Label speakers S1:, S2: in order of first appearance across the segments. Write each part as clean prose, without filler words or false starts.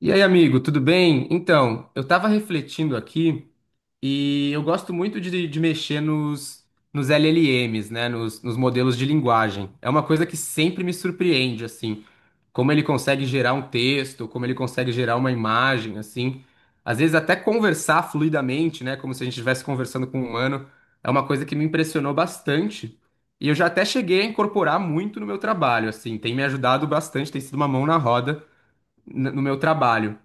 S1: E aí, amigo, tudo bem? Então, eu tava refletindo aqui e eu gosto muito de mexer nos LLMs, né? Nos modelos de linguagem. É uma coisa que sempre me surpreende, assim, como ele consegue gerar um texto, como ele consegue gerar uma imagem, assim. Às vezes até conversar fluidamente, né? Como se a gente estivesse conversando com um humano. É uma coisa que me impressionou bastante. E eu já até cheguei a incorporar muito no meu trabalho, assim. Tem me ajudado bastante, tem sido uma mão na roda no meu trabalho.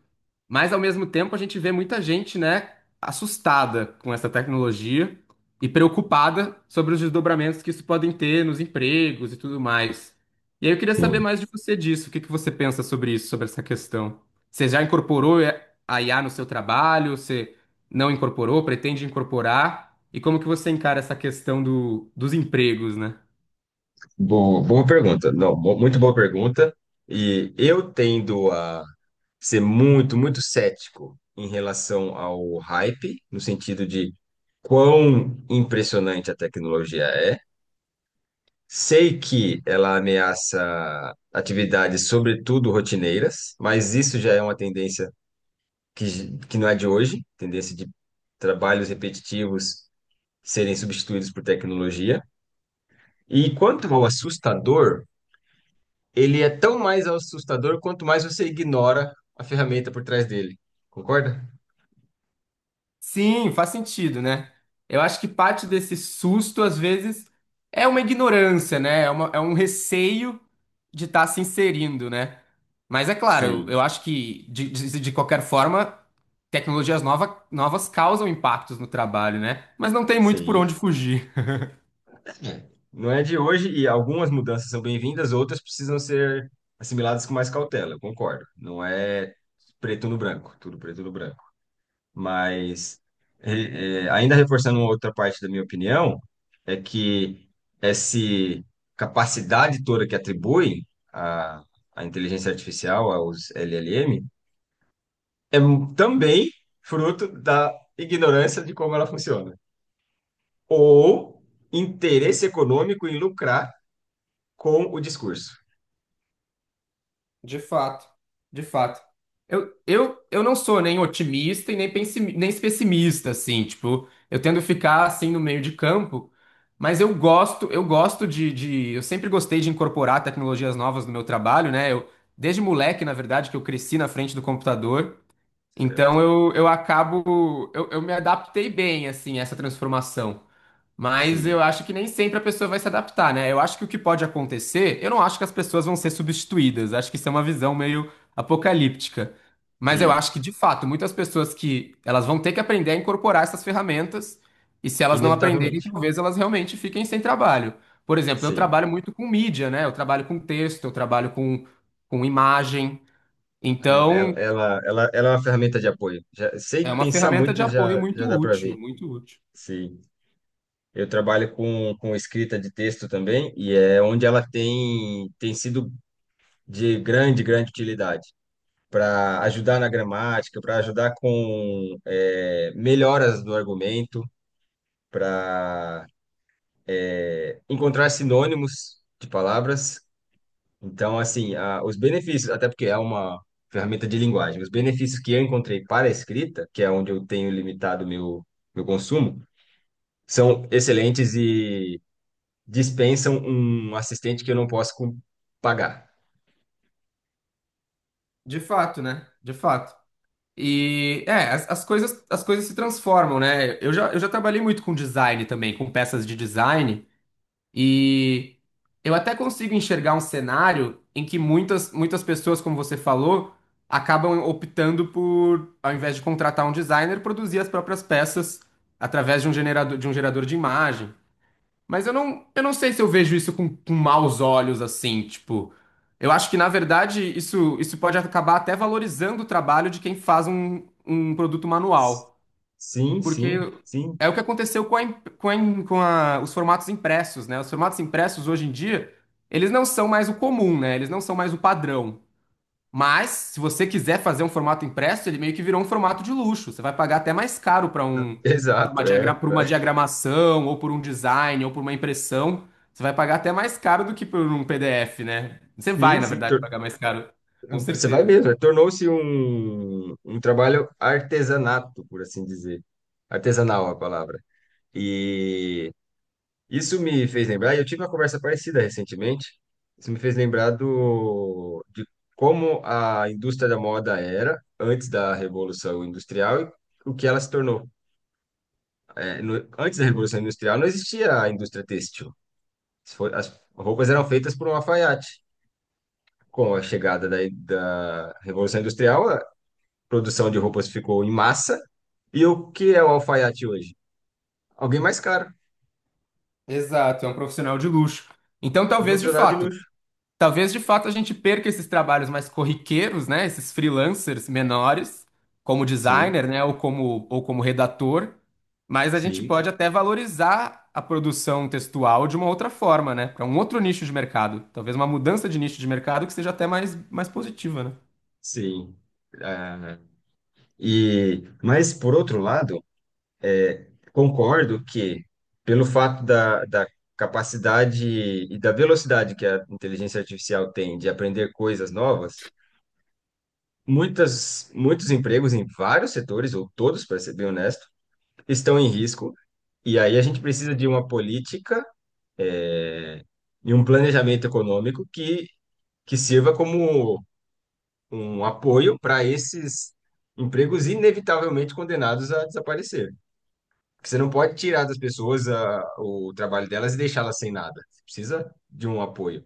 S1: Mas ao mesmo tempo a gente vê muita gente, né, assustada com essa tecnologia e preocupada sobre os desdobramentos que isso podem ter nos empregos e tudo mais. E aí eu queria saber
S2: Sim.
S1: mais de você disso. O que você pensa sobre isso, sobre essa questão? Você já incorporou a IA no seu trabalho? Você não incorporou? Pretende incorporar? E como que você encara essa questão dos empregos, né?
S2: Boa, boa pergunta. Não, muito boa pergunta. E eu tendo a ser muito, muito cético em relação ao hype, no sentido de quão impressionante a tecnologia é. Sei que ela ameaça atividades, sobretudo rotineiras, mas isso já é uma tendência que não é de hoje, tendência de trabalhos repetitivos serem substituídos por tecnologia. E quanto ao assustador, ele é tão mais assustador quanto mais você ignora a ferramenta por trás dele. Concorda?
S1: Sim, faz sentido, né? Eu acho que parte desse susto, às vezes, é uma ignorância, né? É um receio de estar se inserindo, né? Mas é claro, eu
S2: Sim,
S1: acho que, de qualquer forma, novas causam impactos no trabalho, né? Mas não tem muito por
S2: sim.
S1: onde fugir.
S2: Não é de hoje e algumas mudanças são bem-vindas, outras precisam ser assimiladas com mais cautela, eu concordo. Não é preto no branco, tudo preto no branco. Mas, ainda reforçando uma outra parte da minha opinião, é que essa capacidade toda que atribui a, a inteligência artificial, aos LLM, é também fruto da ignorância de como ela funciona, ou interesse econômico em lucrar com o discurso,
S1: De fato, de fato. Eu não sou nem otimista e nem pessimista, assim, tipo, eu tendo ficar assim no meio de campo, mas eu gosto eu sempre gostei de incorporar tecnologias novas no meu trabalho, né? Desde moleque, na verdade, que eu cresci na frente do computador, então
S2: certo?
S1: eu me adaptei bem, assim, a essa transformação. Mas eu
S2: Sim,
S1: acho que nem sempre a pessoa vai se adaptar, né? Eu acho que o que pode acontecer, eu não acho que as pessoas vão ser substituídas. Acho que isso é uma visão meio apocalíptica. Mas eu
S2: sim,
S1: acho que, de fato, muitas pessoas que elas vão ter que aprender a incorporar essas ferramentas, e se elas não aprenderem,
S2: inevitavelmente.
S1: talvez elas realmente fiquem sem trabalho. Por exemplo, eu
S2: Sim,
S1: trabalho muito com mídia, né? Eu trabalho com texto, com imagem.
S2: é,
S1: Então,
S2: ela é uma ferramenta de apoio. Já,
S1: é
S2: sem
S1: uma
S2: pensar
S1: ferramenta de
S2: muito,
S1: apoio
S2: já
S1: muito
S2: dá para
S1: útil,
S2: ver.
S1: muito útil.
S2: Sim, eu trabalho com escrita de texto também, e é onde ela tem, tem sido de grande, grande utilidade. Para ajudar na gramática, para ajudar com é, melhoras do argumento, para encontrar sinônimos de palavras. Então, assim, os benefícios, até porque é uma ferramenta de linguagem, os benefícios que eu encontrei para a escrita, que é onde eu tenho limitado meu meu consumo, são excelentes e dispensam um assistente que eu não posso pagar.
S1: De fato, né? De fato. E é, as coisas se transformam, né? Eu já trabalhei muito com design também, com peças de design, e eu até consigo enxergar um cenário em que muitas pessoas, como você falou, acabam optando por, ao invés de contratar um designer, produzir as próprias peças através de um gerador, de um gerador de imagem. Mas eu não sei se eu vejo isso com maus olhos, assim, tipo. Eu acho que, na verdade, isso pode acabar até valorizando o trabalho de quem faz um produto manual.
S2: Sim,
S1: Porque
S2: sim, sim.
S1: é o que aconteceu com, a, imp- com, a, im- com a- os formatos impressos, né? Os formatos impressos, hoje em dia, eles não são mais o comum, né? Eles não são mais o padrão. Mas, se você quiser fazer um formato impresso, ele meio que virou um formato de luxo. Você vai pagar até mais caro para um,
S2: Exato, é.
S1: pra uma diagramação, ou por um design, ou por uma impressão. Você vai pagar até mais caro do que por um PDF, né? Você vai,
S2: Sim,
S1: na
S2: sim.
S1: verdade, pagar mais caro, com
S2: Você vai
S1: certeza.
S2: mesmo, é, tornou-se um, um trabalho artesanato, por assim dizer. Artesanal a palavra. E isso me fez lembrar, e eu tive uma conversa parecida recentemente, isso me fez lembrar do, de como a indústria da moda era antes da Revolução Industrial e o que ela se tornou. É, antes da Revolução Industrial não existia a indústria têxtil. Se for- As roupas eram feitas por um alfaiate. Com a chegada da Revolução Industrial, produção de roupas ficou em massa. E o que é o alfaiate hoje? Alguém mais caro,
S1: Exato, é um profissional de luxo. Então,
S2: um
S1: talvez, de
S2: profissional de
S1: fato,
S2: luxo.
S1: talvez de fato a gente perca esses trabalhos mais corriqueiros, né? Esses freelancers menores, como
S2: Sim,
S1: designer, né? Ou como redator. Mas a gente pode
S2: sim,
S1: até valorizar a produção textual de uma outra forma, né? Para um outro nicho de mercado. Talvez uma mudança de nicho de mercado que seja até mais positiva, né?
S2: sim. Ah, e, mas, por outro lado, é, concordo que, pelo fato da capacidade e da velocidade que a inteligência artificial tem de aprender coisas novas, muitos empregos em vários setores, ou todos, para ser bem honesto, estão em risco. E aí a gente precisa de uma política é, e um planejamento econômico que sirva como um apoio para esses empregos inevitavelmente condenados a desaparecer. Porque você não pode tirar das pessoas o trabalho delas e deixá-las sem nada. Você precisa de um apoio.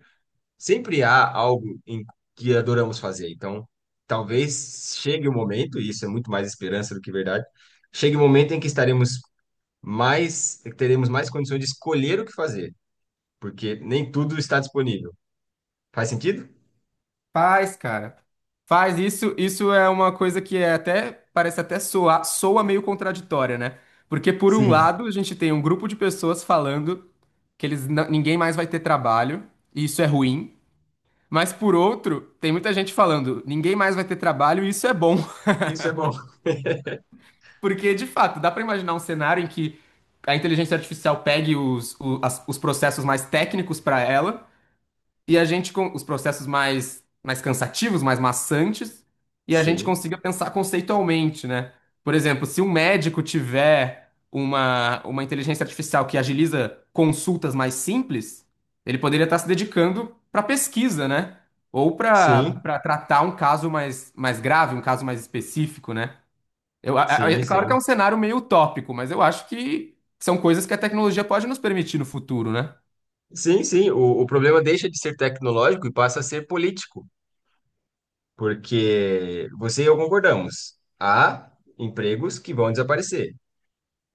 S2: Sempre há algo em que adoramos fazer. Então, talvez chegue o momento, e isso é muito mais esperança do que verdade, chegue o momento em que estaremos mais, teremos mais condições de escolher o que fazer, porque nem tudo está disponível. Faz sentido?
S1: Faz, cara. Faz isso. Isso é uma coisa que é até parece até soar, soa meio contraditória, né? Porque por um
S2: Sim.
S1: lado, a gente tem um grupo de pessoas falando que eles não- ninguém mais vai ter trabalho, e isso é ruim. Mas por outro, tem muita gente falando, ninguém mais vai ter trabalho, e isso é bom.
S2: Isso é bom.
S1: Porque de fato, dá pra imaginar um cenário em que a inteligência artificial pegue os processos mais técnicos pra ela e a gente com os processos mais cansativos, mais maçantes, e a gente
S2: Sim,
S1: consiga pensar conceitualmente, né? Por exemplo, se um médico tiver uma inteligência artificial que agiliza consultas mais simples, ele poderia estar se dedicando para pesquisa, né? Ou
S2: sim,
S1: para tratar um caso mais grave, um caso mais específico, né?
S2: sim,
S1: É claro que é
S2: sim.
S1: um cenário meio utópico, mas eu acho que são coisas que a tecnologia pode nos permitir no futuro, né?
S2: Sim, sim. O problema deixa de ser tecnológico e passa a ser político, porque você e eu concordamos. Há empregos que vão desaparecer.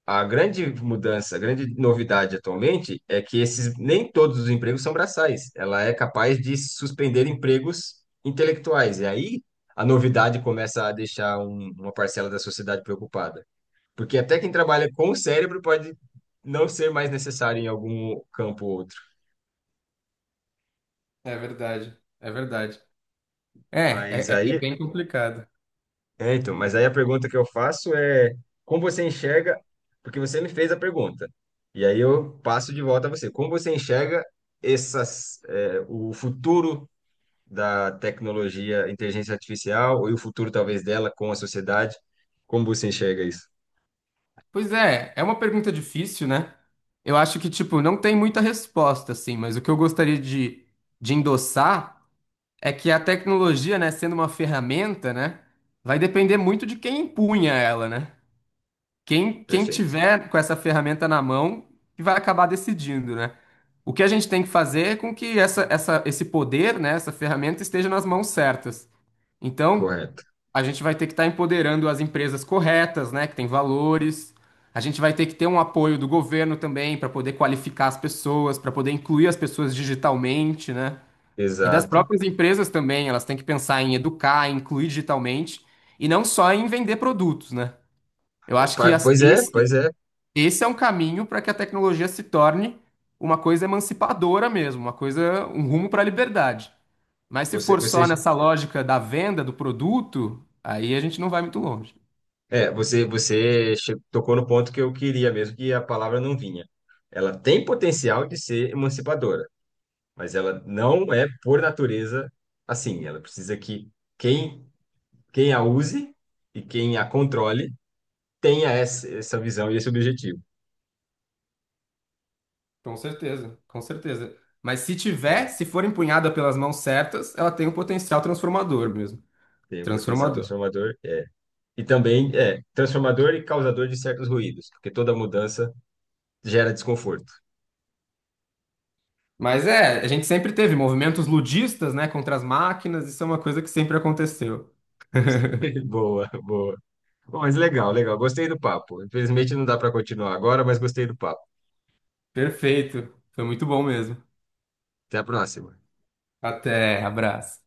S2: A grande mudança, a grande novidade atualmente é que esses nem todos os empregos são braçais. Ela é capaz de suspender empregos intelectuais. E aí a novidade começa a deixar uma parcela da sociedade preocupada. Porque até quem trabalha com o cérebro pode não ser mais necessário em algum campo ou outro.
S1: É verdade, é verdade. É,
S2: Mas
S1: é
S2: aí,
S1: bem complicado.
S2: é, então, mas aí a pergunta que eu faço é como você enxerga, porque você me fez a pergunta. E aí eu passo de volta a você. Como você enxerga essas, é, o futuro da tecnologia, inteligência artificial e o futuro talvez dela com a sociedade? Como você enxerga isso?
S1: Pois é, é uma pergunta difícil, né? Eu acho que, tipo, não tem muita resposta, assim, mas o que eu gostaria de endossar é que a tecnologia, né, sendo uma ferramenta, né, vai depender muito de quem empunha ela, né? Quem
S2: Perfeito.
S1: tiver com essa ferramenta na mão que vai acabar decidindo, né? O que a gente tem que fazer é com que esse poder, né, essa ferramenta esteja nas mãos certas. Então,
S2: Correto.
S1: a gente vai ter que estar empoderando as empresas corretas, né, que têm valores. A gente vai ter que ter um apoio do governo também para poder qualificar as pessoas, para poder incluir as pessoas digitalmente, né? E das
S2: Exato.
S1: próprias empresas também, elas têm que pensar em educar, em incluir digitalmente e não só em vender produtos, né? Eu acho que
S2: Pois é, pois é.
S1: esse é um caminho para que a tecnologia se torne uma coisa emancipadora mesmo, uma coisa, um rumo para a liberdade. Mas se
S2: Você,
S1: for só
S2: você
S1: nessa lógica da venda do produto, aí a gente não vai muito longe.
S2: é, você, tocou no ponto que eu queria mesmo, que a palavra não vinha. Ela tem potencial de ser emancipadora, mas ela não é, por natureza, assim. Ela precisa que quem, quem a use e quem a controle tenha essa, essa visão e esse objetivo.
S1: Com certeza, com certeza. Mas se tiver, se for empunhada pelas mãos certas, ela tem um potencial transformador mesmo.
S2: Tem um potencial
S1: Transformador.
S2: transformador, é. E também é transformador e causador de certos ruídos, porque toda mudança gera desconforto.
S1: Mas é, a gente sempre teve movimentos ludistas, né, contra as máquinas, isso é uma coisa que sempre aconteceu.
S2: Boa, boa. Bom, mas legal, legal. Gostei do papo. Infelizmente não dá para continuar agora, mas gostei do papo.
S1: Perfeito. Foi muito bom mesmo.
S2: Até a próxima.
S1: Até, abraço.